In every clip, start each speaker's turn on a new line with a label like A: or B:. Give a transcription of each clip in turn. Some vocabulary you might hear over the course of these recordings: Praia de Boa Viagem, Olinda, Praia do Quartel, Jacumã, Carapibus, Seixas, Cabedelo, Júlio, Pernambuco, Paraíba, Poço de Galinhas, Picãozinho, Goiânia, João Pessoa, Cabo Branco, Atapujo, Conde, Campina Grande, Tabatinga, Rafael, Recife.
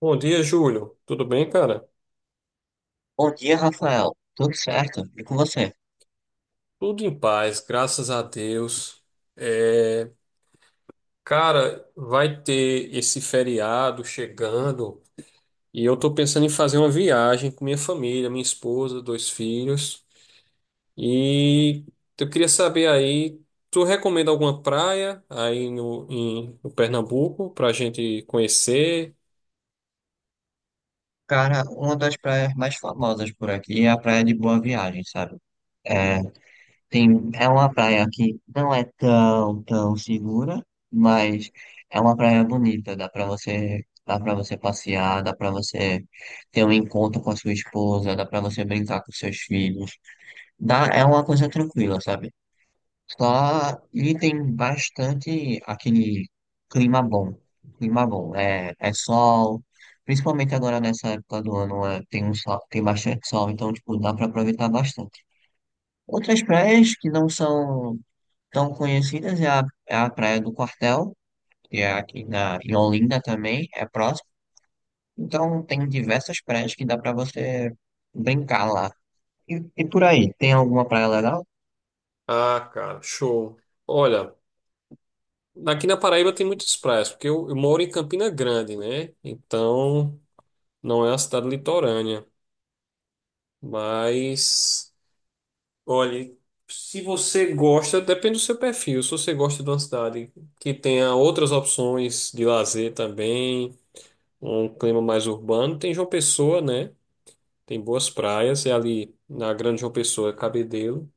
A: Bom dia, Júlio. Tudo bem, cara?
B: Bom dia, Rafael. Tudo certo? E com você?
A: Tudo em paz, graças a Deus. É, Cara, vai ter esse feriado chegando e eu tô pensando em fazer uma viagem com minha família, minha esposa, dois filhos. E eu queria saber aí, tu recomenda alguma praia aí no Pernambuco pra gente conhecer?
B: Cara, uma das praias mais famosas por aqui é a Praia de Boa Viagem, sabe? É, tem, é uma praia que não é tão segura, mas é uma praia bonita. Dá para você passear, dá pra você ter um encontro com a sua esposa, dá pra você brincar com seus filhos. Dá, é uma coisa tranquila, sabe? Só ele tem bastante aquele clima bom. Clima bom. É sol. Principalmente agora nessa época do ano, é, tem um sol, tem bastante sol, então tipo, dá para aproveitar bastante. Outras praias que não são tão conhecidas é a Praia do Quartel, que é em Olinda também, é próximo. Então tem diversas praias que dá para você brincar lá. E, e por aí, tem alguma praia legal?
A: Ah, cara, show. Olha, aqui na Paraíba tem muitas praias, porque eu moro em Campina Grande, né? Então, não é uma cidade litorânea, mas olhe, se você gosta, depende do seu perfil. Se você gosta de uma cidade que tenha outras opções de lazer também, um clima mais urbano, tem João Pessoa, né? Tem boas praias, e ali na Grande João Pessoa é Cabedelo.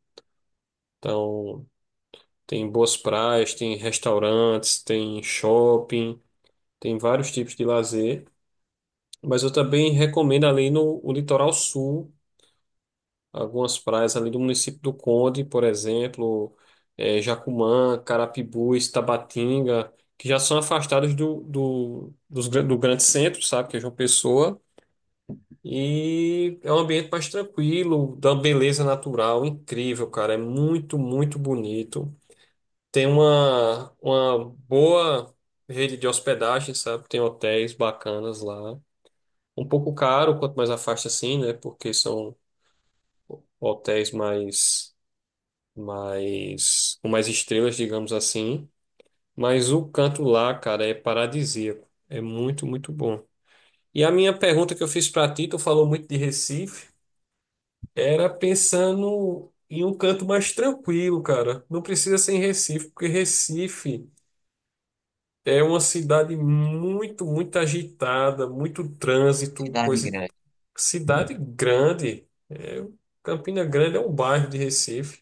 A: Então, tem boas praias, tem restaurantes, tem shopping, tem vários tipos de lazer. Mas eu também recomendo ali no o litoral sul. Algumas praias ali do município do Conde, por exemplo, Jacumã, Carapibus, Tabatinga, que já são afastados do do grande centro, sabe, que é João Pessoa, e é um ambiente mais tranquilo, dá uma beleza natural incrível, cara, é muito, muito bonito. Tem uma boa rede de hospedagem, sabe, tem hotéis bacanas lá. Um pouco caro, quanto mais afasta assim, né? Porque são hotéis mais com mais estrelas, digamos assim. Mas o canto lá, cara, é paradisíaco. É muito, muito bom. E a minha pergunta que eu fiz para ti, tu falou muito de Recife, era pensando em um canto mais tranquilo, cara. Não precisa ser em Recife, porque Recife é uma cidade muito, muito agitada, muito trânsito,
B: Cidade
A: coisa.
B: Grande.
A: Cidade grande. É, Campina Grande é um bairro de Recife.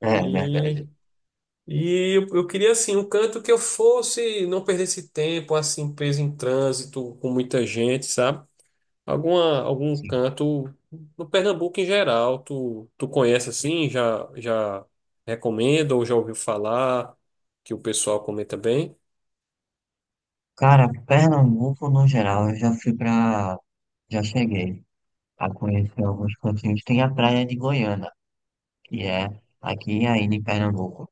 B: É,
A: e
B: verdade.
A: E eu queria assim um canto que eu fosse, não perdesse tempo, assim, preso em trânsito, com muita gente, sabe? Algum canto no Pernambuco em geral, tu conhece assim, já recomenda ou já ouviu falar que o pessoal comenta bem?
B: Cara, Pernambuco no geral, eu já fui pra. Já cheguei a conhecer alguns cantinhos. Tem a praia de Goiânia, que é aqui ainda em Pernambuco,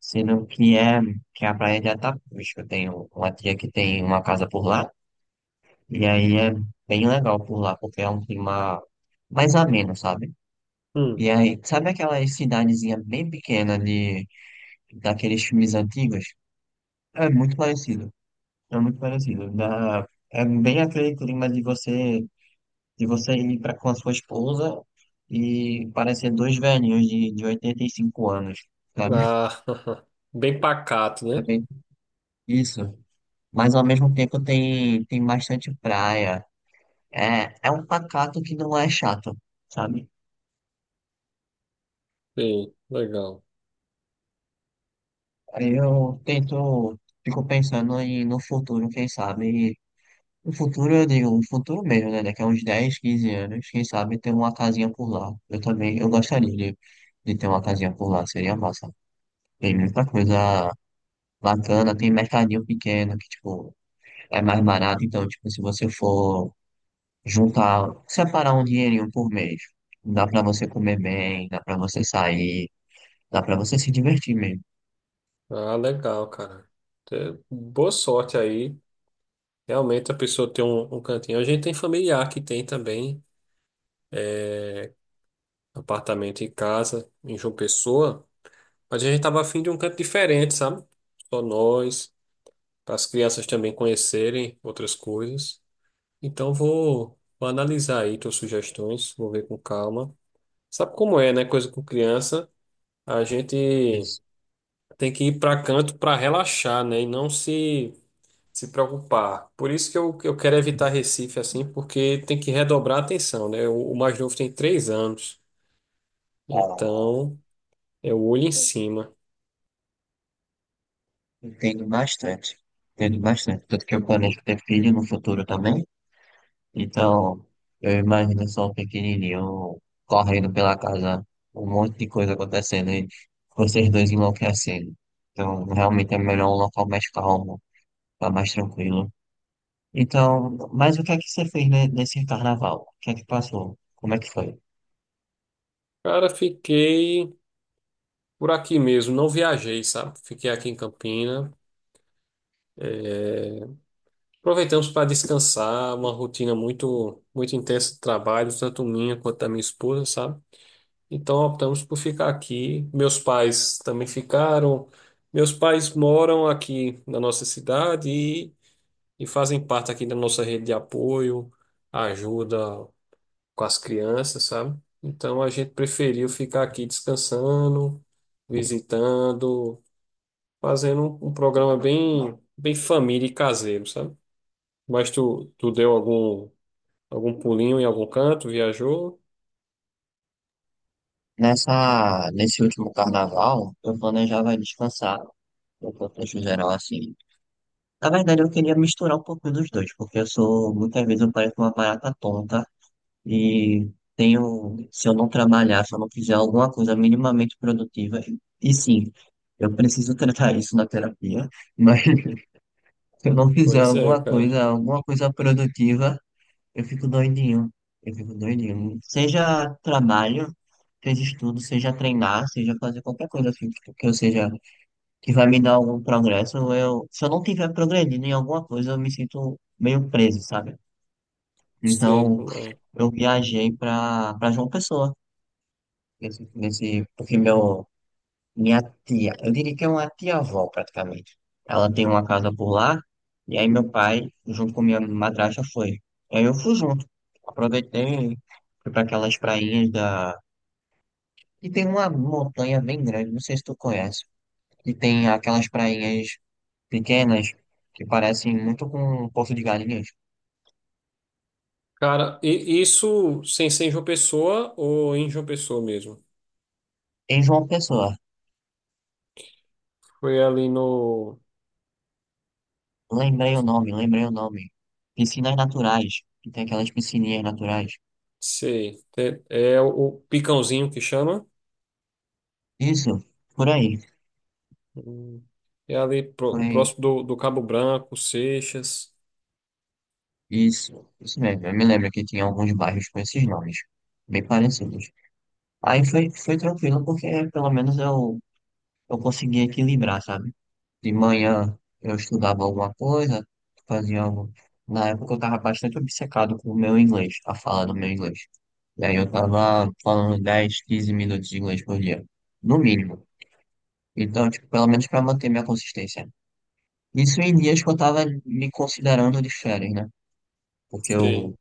B: sendo que é a praia de Atapujo. Eu tenho uma tia que tem uma casa por lá, e aí é bem legal por lá, porque é um clima mais ameno, sabe?
A: Hum.
B: E aí, sabe aquela cidadezinha bem pequena de, daqueles filmes antigos? É muito parecido, é muito parecido. Da, é bem aquele clima de você. Se você ir pra, com a sua esposa e parecer dois velhinhos de 85 anos, sabe?
A: Ah, bem pacato,
B: É
A: né?
B: bem isso. Mas ao mesmo tempo tem, tem bastante praia. É, é um pacato que não é chato, sabe?
A: Sim, legal.
B: Aí eu tento, fico pensando em, no futuro, quem sabe. No futuro, eu digo, no futuro mesmo, né? Daqui a uns 10, 15 anos, quem sabe ter uma casinha por lá. Eu também, eu gostaria de ter uma casinha por lá, seria massa. Tem muita coisa bacana, tem mercadinho pequeno que, tipo, é mais barato. Então, tipo, se você for juntar, separar um dinheirinho por mês, dá pra você comer bem, dá pra você sair, dá pra você se divertir mesmo.
A: Ah, legal, cara. Boa sorte aí. Realmente a pessoa tem um cantinho. A gente tem familiar que tem também apartamento em casa, em João Pessoa, mas a gente estava afim de um canto diferente, sabe? Só nós, para as crianças também conhecerem outras coisas. Então vou analisar aí tuas sugestões, vou ver com calma. Sabe como é, né? Coisa com criança, a gente
B: Isso.
A: tem que ir para canto para relaxar, né? E não se preocupar. Por isso que eu quero evitar Recife assim, porque tem que redobrar a atenção, né? O mais novo tem 3 anos,
B: Ah,
A: então é o olho em cima.
B: entendo bastante. Entendo bastante. Tanto que eu planejo ter filho no futuro também. Então, eu imagino só o pequenininho correndo pela casa, um monte de coisa acontecendo e vocês dois enlouquecendo. Então, realmente é melhor um local mais calmo, tá mais tranquilo. Então, mas o que é que você fez nesse carnaval? O que é que passou? Como é que foi?
A: Cara, fiquei por aqui mesmo, não viajei, sabe? Fiquei aqui em Campina. Aproveitamos para descansar, uma rotina muito, muito intensa de trabalho, tanto minha quanto da minha esposa, sabe? Então optamos por ficar aqui. Meus pais também ficaram. Meus pais moram aqui na nossa cidade e fazem parte aqui da nossa rede de apoio, ajuda com as crianças, sabe? Então a gente preferiu ficar aqui descansando, visitando, fazendo um programa bem, bem família e caseiro, sabe? Mas tu deu algum pulinho em algum canto, viajou?
B: Nesse último carnaval, eu planejava descansar, no contexto geral, assim. Na verdade, eu queria misturar um pouquinho dos dois, porque eu sou, muitas vezes eu pareço uma barata tonta e tenho, se eu não trabalhar, se eu não fizer alguma coisa minimamente produtiva, e sim, eu preciso tratar isso na terapia, mas se eu não fizer
A: Pois é, cara.
B: alguma coisa produtiva, eu fico doidinho. Eu fico doidinho. Seja trabalho, seja estudo, seja treinar, seja fazer qualquer coisa assim, que eu seja, que vai me dar algum progresso, eu, se eu não tiver progredindo em alguma coisa, eu me sinto meio preso, sabe?
A: Sei
B: Então,
A: como é.
B: eu viajei pra João Pessoa, porque meu, minha tia, eu diria que é uma tia-avó praticamente. Ela tem uma casa por lá, e aí meu pai, junto com minha madrasta, foi. E aí eu fui junto. Aproveitei, fui para aquelas prainhas da. E tem uma montanha bem grande, não sei se tu conhece. E tem aquelas prainhas pequenas que parecem muito com um Poço de Galinhas.
A: Cara, e isso sem ser em João Pessoa ou em João Pessoa mesmo?
B: Em João Pessoa,
A: Foi ali no.
B: lembrei o nome, lembrei o nome. Piscinas naturais, que tem aquelas piscininhas naturais.
A: Sei. É o Picãozinho que chama.
B: Isso, por aí.
A: Hum. É ali
B: Foi
A: próximo do Cabo Branco, Seixas.
B: isso, isso mesmo. Eu me lembro que tinha alguns bairros com esses nomes, bem parecidos. Aí foi, foi tranquilo, porque pelo menos eu conseguia equilibrar, sabe? De manhã eu estudava alguma coisa, fazia algo. Na época eu tava bastante obcecado com o meu inglês, a fala do meu inglês. E aí eu tava falando 10, 15 minutos de inglês por dia, no mínimo. Então, tipo, pelo menos para manter minha consistência. Isso em dias que eu tava me considerando de férias, né? Porque eu
A: Sei.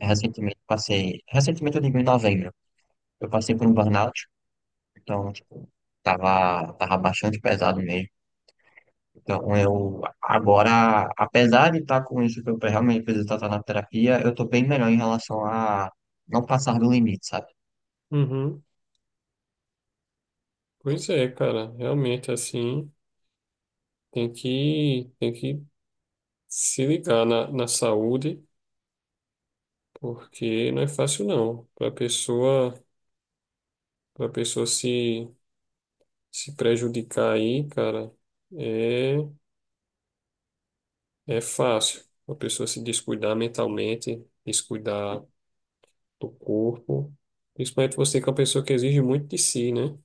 B: recentemente passei, recentemente eu digo em novembro, eu passei por um burnout, então, tipo, tava bastante pesado mesmo. Então, eu agora, apesar de estar com isso que eu realmente preciso tratar na terapia, eu tô bem melhor em relação a não passar do limite, sabe?
A: Uhum. Pois é, cara. Realmente, assim, tem que, se ligar na saúde, porque não é fácil não. Para pessoa se prejudicar aí, cara, é é fácil. A pessoa se descuidar mentalmente, descuidar do corpo, principalmente você que é uma pessoa que exige muito de si, né?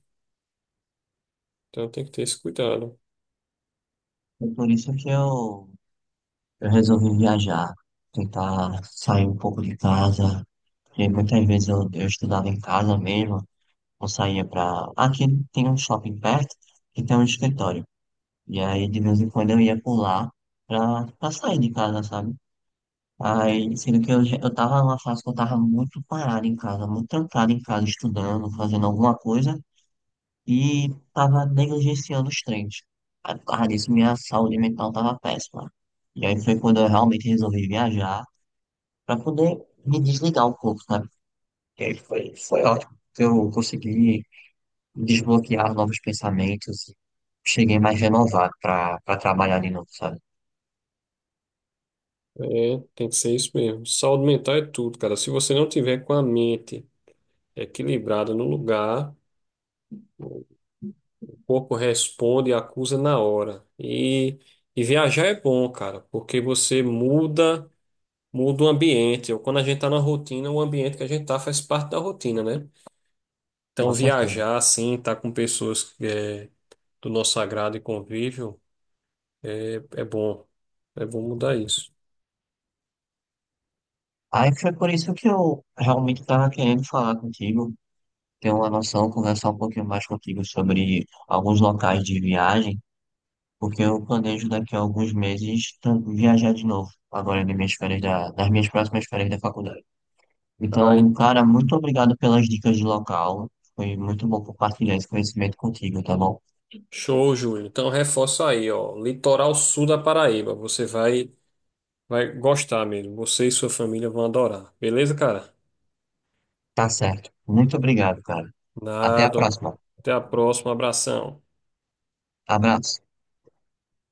A: Então tem que ter esse cuidado.
B: E por isso que eu resolvi viajar, tentar sair um pouco de casa, porque muitas vezes eu estudava em casa mesmo, ou saía pra Aqui tem um shopping perto que tem um escritório. E aí, de vez em quando, eu ia pular pra sair de casa, sabe? Aí, sendo que eu, eu tava numa fase que eu tava muito parado em casa, muito trancado em casa, estudando, fazendo alguma coisa, e tava negligenciando os treinos. Aí, por causa disso, minha saúde mental tava péssima. E aí foi quando eu realmente resolvi viajar, pra poder me desligar um pouco, sabe? E aí foi, foi ótimo, que eu consegui desbloquear novos pensamentos, cheguei mais renovado pra trabalhar de novo, sabe?
A: É, tem que ser isso mesmo. Saúde mental é tudo, cara. Se você não tiver com a mente equilibrada no lugar, corpo responde e acusa na hora. E viajar é bom, cara, porque você muda, muda o ambiente. Ou quando a gente tá na rotina, o ambiente que a gente tá faz parte da rotina, né? Então
B: Com certeza.
A: viajar, assim, tá com pessoas do nosso agrado e convívio, é bom. É bom mudar isso.
B: Aí foi por isso que eu realmente estava querendo falar contigo, ter uma noção, conversar um pouquinho mais contigo sobre alguns locais de viagem, porque eu planejo daqui a alguns meses viajar de novo, agora nas minhas nas minhas próximas férias da faculdade.
A: Ai,
B: Então, cara, muito obrigado pelas dicas de local. Foi muito bom compartilhar esse conhecimento contigo, tá bom?
A: show, Júlio. Então reforça aí, ó. Litoral sul da Paraíba. Vai gostar mesmo. Você e sua família vão adorar. Beleza, cara?
B: Tá certo. Muito obrigado, cara. Até a
A: Nada.
B: próxima.
A: Até a próxima. Abração.
B: Abraço.